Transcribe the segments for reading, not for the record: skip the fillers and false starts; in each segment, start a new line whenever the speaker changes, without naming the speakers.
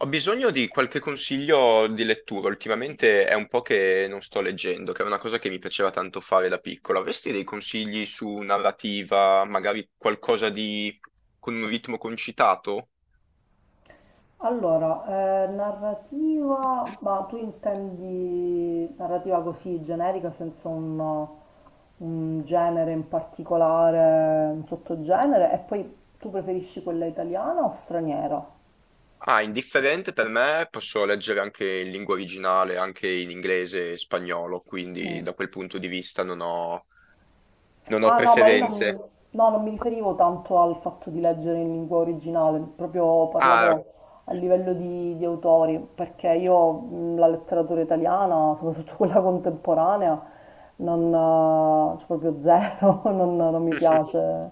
Ho bisogno di qualche consiglio di lettura. Ultimamente è un po' che non sto leggendo, che è una cosa che mi piaceva tanto fare da piccolo. Avresti dei consigli su narrativa, magari qualcosa di con un ritmo concitato?
Allora, narrativa, ma tu intendi narrativa così generica, senza un genere in particolare, un sottogenere, e poi tu preferisci quella italiana o straniera?
Ah, indifferente per me, posso leggere anche in lingua originale, anche in inglese e spagnolo, quindi
Mm.
da quel punto di vista non ho
Ah no, ma io non,
preferenze.
no, non mi riferivo tanto al fatto di leggere in lingua originale, proprio
Ah,
parlavo a livello di autori, perché io la letteratura italiana, soprattutto quella contemporanea, non, cioè proprio zero, non mi piace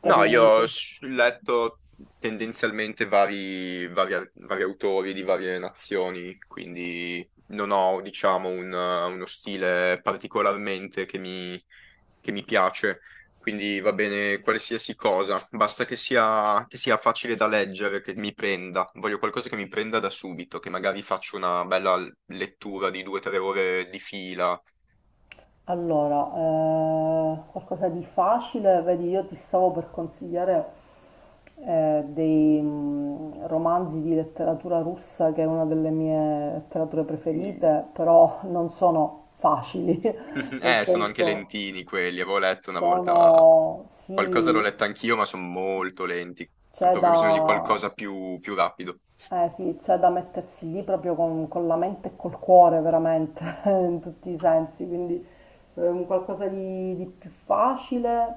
per
No, io
niente.
ho letto tendenzialmente vari autori di varie nazioni, quindi non ho, diciamo, uno stile particolarmente che mi, piace. Quindi va bene qualsiasi cosa, basta che sia facile da leggere, che mi prenda. Voglio qualcosa che mi prenda da subito, che magari faccio una bella lettura di 2 o 3 ore di fila.
Allora, qualcosa di facile, vedi, io ti stavo per consigliare romanzi di letteratura russa, che è una delle mie letterature
Uh.
preferite, però non sono facili, nel
Sono anche
senso
lentini quelli, avevo letto una volta.
sono,
Qualcosa l'ho
sì,
letta anch'io, ma sono molto lenti. Ho
c'è
proprio bisogno di
da,
qualcosa più rapido.
eh sì, c'è da mettersi lì proprio con la mente e col cuore veramente, in tutti i sensi, quindi un qualcosa di più facile,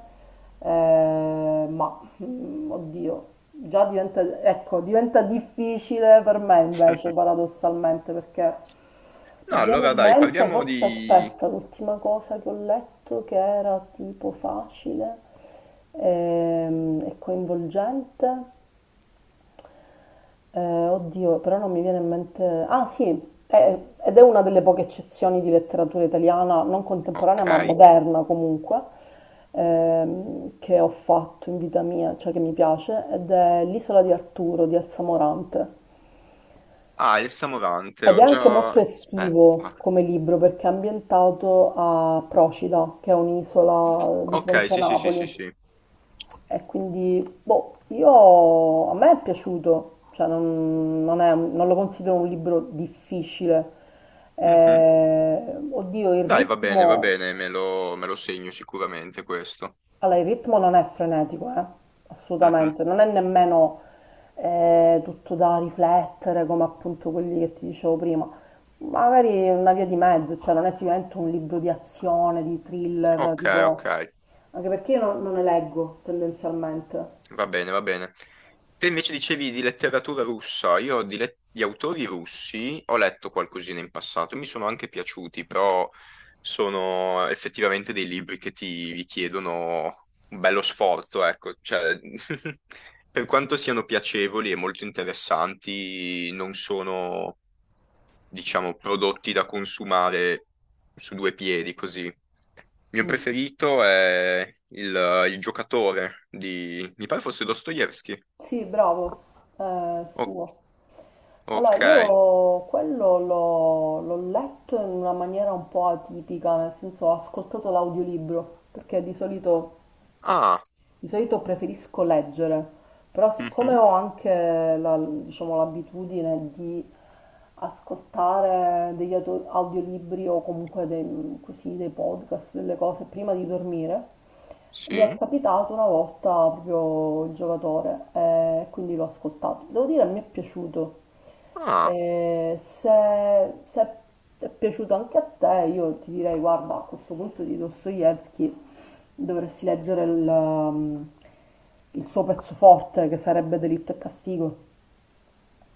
oddio, già diventa, ecco, diventa difficile per me invece, paradossalmente, perché
No,
mi viene
allora
in
dai,
mente,
parliamo
forse
di...
aspetta, l'ultima cosa che ho letto che era tipo facile e coinvolgente. Oddio, però non mi viene in mente. Ah sì, è- ed è una delle poche eccezioni di letteratura italiana, non
Ok.
contemporanea ma moderna comunque, che ho fatto in vita mia, cioè che mi piace, ed è L'isola di Arturo di Elsa Morante.
Ah, il Samurante,
Ed è
ho
anche
già...
molto
Aspetta.
estivo come libro perché è ambientato a Procida, che è un'isola di
Ok,
fronte a
sì, sì, sì,
Napoli.
sì, sì.
E quindi, boh, a me è piaciuto, cioè non, non lo considero un libro difficile.
Mhm.
Oddio, il
Dai, va
ritmo,
bene, me lo segno sicuramente questo.
allora, il ritmo non è frenetico,
Mhm.
assolutamente, non è nemmeno tutto da riflettere come appunto quelli che ti dicevo prima. Magari è una via di mezzo, cioè non è sicuramente un libro di azione, di thriller,
Ok, ok.
tipo, anche perché io non, non ne leggo tendenzialmente.
Va bene, va bene. Te invece dicevi di letteratura russa, io di autori russi ho letto qualcosina in passato, mi sono anche piaciuti, però sono effettivamente dei libri che ti richiedono un bello sforzo, ecco, cioè, per quanto siano piacevoli e molto interessanti, non sono, diciamo, prodotti da consumare su due piedi così. Il mio
Mm.
preferito è il giocatore di, mi pare fosse Dostoevsky.
Sì, bravo,
O-
suo. Allora,
ok.
io quello l'ho letto in una maniera un po' atipica, nel senso ho ascoltato l'audiolibro, perché
Ah,
di solito preferisco leggere, però siccome
mhm,
ho anche diciamo, l'abitudine di ascoltare degli audiolibri o comunque dei, così, dei podcast, delle cose prima di dormire, mi è
sì.
capitato una volta proprio il giocatore e quindi l'ho ascoltato. Devo dire, mi è piaciuto.
Ah,
E se è piaciuto anche a te, io ti direi, guarda, a questo punto di Dostoevsky dovresti leggere il suo pezzo forte, che sarebbe Delitto e castigo,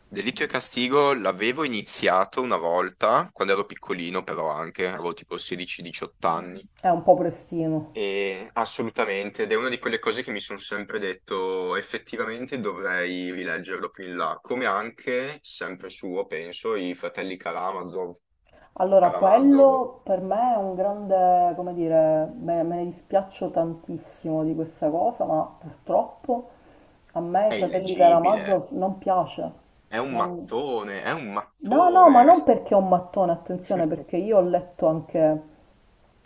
Delitto e Castigo l'avevo iniziato una volta, quando ero piccolino però anche, avevo tipo 16-18 anni.
è un po' prestino.
E assolutamente, ed è una di quelle cose che mi sono sempre detto, effettivamente dovrei rileggerlo più in là, come anche, sempre suo, penso, i fratelli Karamazov.
Allora,
Karamazov
quello per me è un grande, come dire, me ne dispiaccio tantissimo di questa cosa, ma purtroppo a me i
è
fratelli
illeggibile,
Karamazov non piace.
è un
Non-
mattone, è un
No, no, ma
mattone.
non perché è un mattone, attenzione, perché io ho letto anche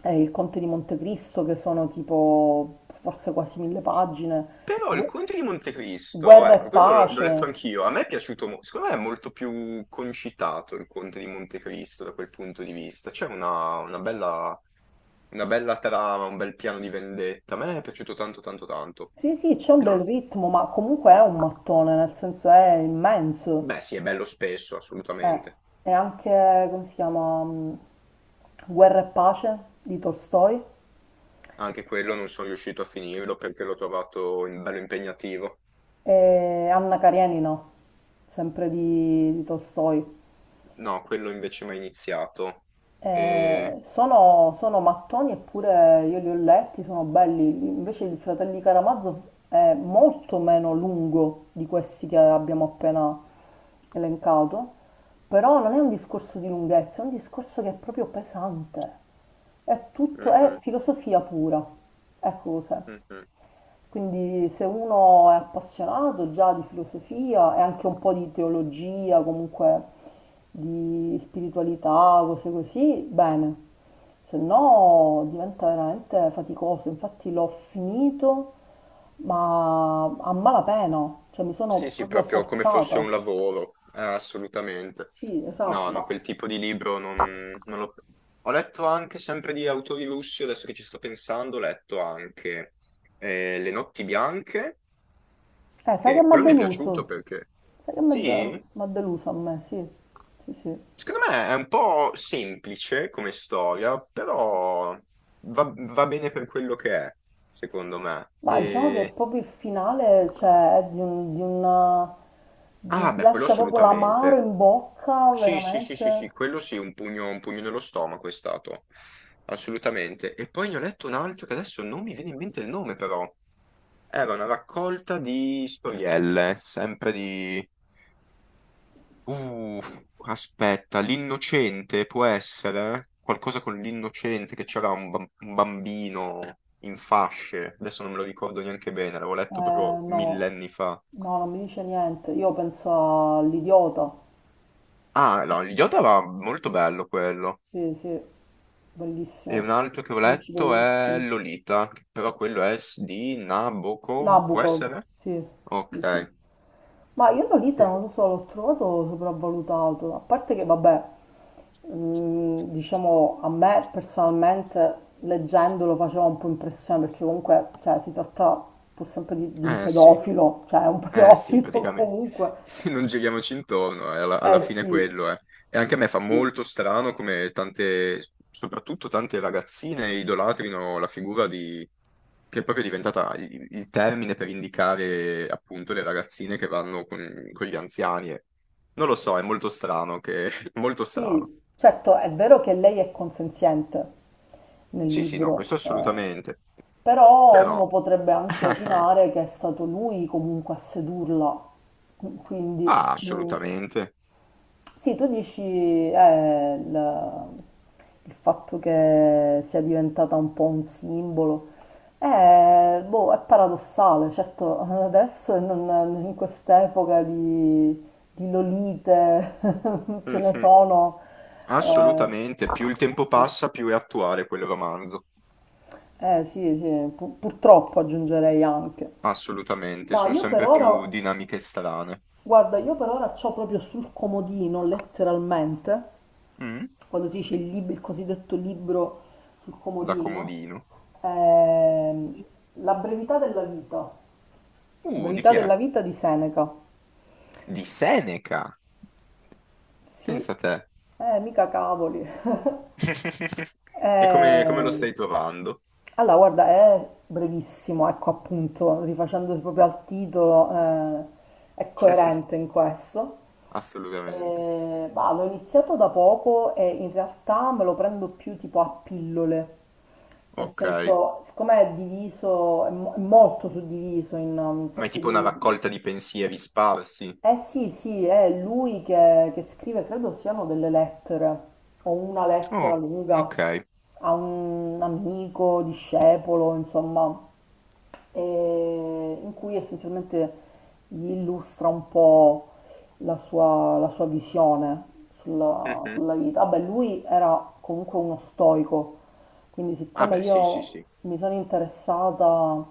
Il Conte di Montecristo, che sono tipo forse quasi 1000 pagine.
Però il
Gu-
Conte di Montecristo,
Guerra e
ecco, quello l'ho letto
Pace.
anch'io, a me è piaciuto, secondo me è molto più concitato il Conte di Montecristo da quel punto di vista, c'è una bella trama, un bel piano di vendetta, a me è piaciuto tanto tanto tanto.
Sì, sì, c'è un bel
Non-
ritmo, ma comunque è un mattone, nel senso è immenso.
Beh sì, è bello spesso,
Eh,
assolutamente.
è anche, come si chiama, Guerra e pace di Tolstoi
Anche quello non sono riuscito a finirlo perché l'ho trovato bello impegnativo.
e Anna Karenina, sempre di Tolstoi.
No, quello invece mi ha iniziato. E...
Sono mattoni eppure io li ho letti, sono belli. Invece il Fratelli Caramazzo è molto meno lungo di questi che abbiamo appena elencato, però non è un discorso di lunghezza, è un discorso che è proprio pesante. È
Mhm,
filosofia pura. Ecco cos'è.
mhm.
Quindi se uno è appassionato già di filosofia e anche un po' di teologia, comunque di spiritualità, cose così, bene. Se no diventa veramente faticoso. Infatti l'ho finito, ma a malapena, cioè mi
Sì,
sono
sì,
proprio
proprio come fosse
forzata.
un lavoro, assolutamente.
Sì, esatto,
No, no, quel
ma
tipo di libro non l'ho... Ho letto anche sempre di autori russi, adesso che ci sto pensando, ho letto anche Le notti bianche,
sai che
che
mi ha
quello mi è piaciuto
deluso?
perché,
Sai che mi ha
sì,
de- mi ha deluso a me, sì, sì, sì.
secondo me è un po' semplice come storia, però va bene per quello che è, secondo me.
Ma diciamo che
E...
proprio il finale, cioè, è di un, di una- di-
Ah,
ti
beh, quello
lascia proprio l'amaro
assolutamente.
in bocca,
Sì, sì, sì, sì,
veramente.
sì, quello sì, un pugno nello stomaco è stato, assolutamente. E poi ne ho letto un altro che adesso non mi viene in mente il nome, però. Era una raccolta di storielle, sempre di... Uh, aspetta, l'innocente può essere? Qualcosa con l'innocente, che c'era un bambino in fasce, adesso non me lo ricordo neanche bene, l'avevo
Eh,
letto proprio
no,
millenni fa.
no, non mi dice niente. Io penso all'idiota.
Ah, no,
Sì,
Yoda era molto bello quello.
sì, sì,
E un
bellissimo.
altro che ho
Principe
letto è
Mistino.
Lolita, che però quello è di Nabokov, può
Nabucco,
essere?
sì, sì, sì.
Ok.
Ma io Lolita
Sì.
non lo so, l'ho trovato sopravvalutato, a parte che vabbè, diciamo a me personalmente leggendolo faceva un po' impressione perché comunque cioè, si tratta pur sempre di un
Eh sì,
pedofilo, cioè è un
Eh sì,
pedofilo
praticamente.
comunque.
Se non giriamoci intorno, alla,
Eh
fine
sì,
quello è. E anche a me fa
sì,
molto strano come tante, soprattutto tante ragazzine idolatrino la figura di, che è proprio diventata il termine per indicare appunto le ragazzine che vanno con gli anziani. Non lo so, è molto strano che... molto strano.
sì, certo è vero che lei è consenziente nel
Sì, sì, no,
libro,
questo
eh.
assolutamente.
Però
Però...
uno potrebbe anche opinare che è stato lui comunque a sedurla. Qu- quindi
Ah,
mm,
assolutamente.
sì, tu dici eh, il, il fatto che sia diventata un po' un simbolo. Boh, è paradossale, certo adesso e in quest'epoca di lolite ce ne
Mhm.
sono, eh,
Assolutamente. Più il tempo passa, più è attuale quel romanzo.
eh sì, sì, purtroppo aggiungerei anche.
Assolutamente,
No,
sono
io per
sempre più
ora.
dinamiche strane,
Guarda, io per ora c'ho proprio sul comodino, letteralmente,
Mm.
quando si dice il cosiddetto libro sul
da
comodino,
comodino.
ehm, La
Di
brevità
chi è?
della vita di Seneca.
Di Seneca!
Sì,
Pensa a te.
mica cavoli.
E come,
Eh,
come lo stai trovando?
allora, guarda, è brevissimo, ecco appunto, rifacendosi proprio al titolo, è coerente in questo.
Assolutamente.
Bah, l'ho iniziato da poco e in realtà me lo prendo più tipo a pillole, nel
Ok.
senso, siccome è diviso, è molto suddiviso in un
Ma è
sacco
tipo una
di
raccolta di pensieri sparsi.
eh sì, sì, è che scrive, credo siano delle lettere, o una
Oh,
lettera lunga
ok.
a un amico, discepolo, insomma, e in cui essenzialmente gli illustra un po' la sua visione
Mhm.
sulla vita. Vabbè, lui era comunque uno stoico, quindi
Ah
siccome
beh, sì, sì,
io
sì.
mi sono interessata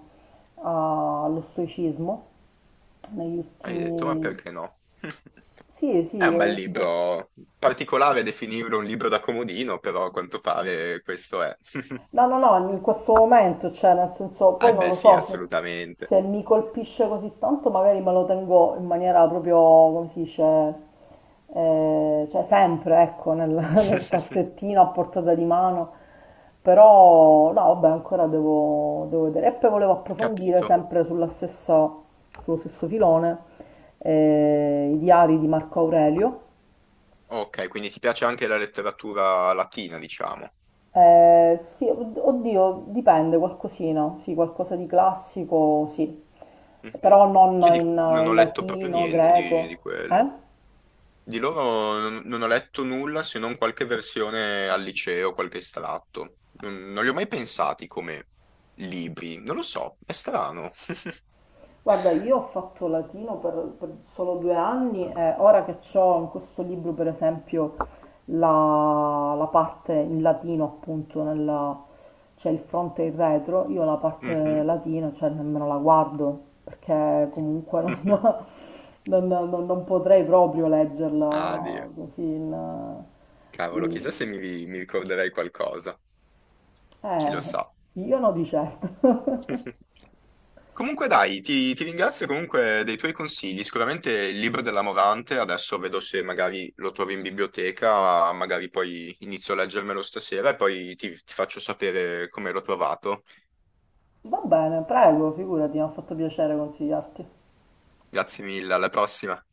allo stoicismo negli
Hai detto, ma
ultimi
perché no?
sì,
È
sì,
un
ho
bel
detto.
libro, particolare definirlo un libro da comodino, però a quanto pare questo è.
No, no, no, in questo momento, cioè, nel senso, poi
Eh
non
beh,
lo
sì,
so,
assolutamente.
se se mi colpisce così tanto, magari me lo tengo in maniera proprio, come si dice, cioè sempre, ecco, nel, nel cassettino a portata di mano. Però, no, vabbè, ancora devo, devo vedere. E poi volevo approfondire
Capito.
sempre sulla stessa, sullo stesso filone, i diari di Marco Aurelio.
Ok, quindi ti piace anche la letteratura latina, diciamo.
Sì, oddio, dipende, qualcosina, sì, qualcosa di classico, sì,
Mhm.
però non
Io
in,
non
in
ho letto proprio
latino,
niente di
greco, eh?
quello. Di loro non ho letto nulla se non qualche versione al liceo, qualche estratto. Non li ho mai pensati come libri, non lo so, è strano.
Guarda, io ho fatto latino per solo 2 anni e ora che ho in questo libro, per esempio, la parte in latino, appunto, c'è il fronte e il retro, io la parte
Mhm.
latina, cioè, nemmeno la guardo, perché comunque non, non potrei proprio
Ah,
leggerla
Dio.
così in.
Cavolo, chissà
In.
se mi, ricorderei qualcosa. Chi lo
Eh,
sa.
io no di certo.
Comunque dai, ti ringrazio comunque dei tuoi consigli. Sicuramente il libro della Morante, adesso vedo se magari lo trovo in biblioteca, magari poi inizio a leggermelo stasera e poi ti faccio sapere come l'ho trovato.
Va bene, prego, figurati, mi ha fatto piacere consigliarti.
Grazie mille, alla prossima.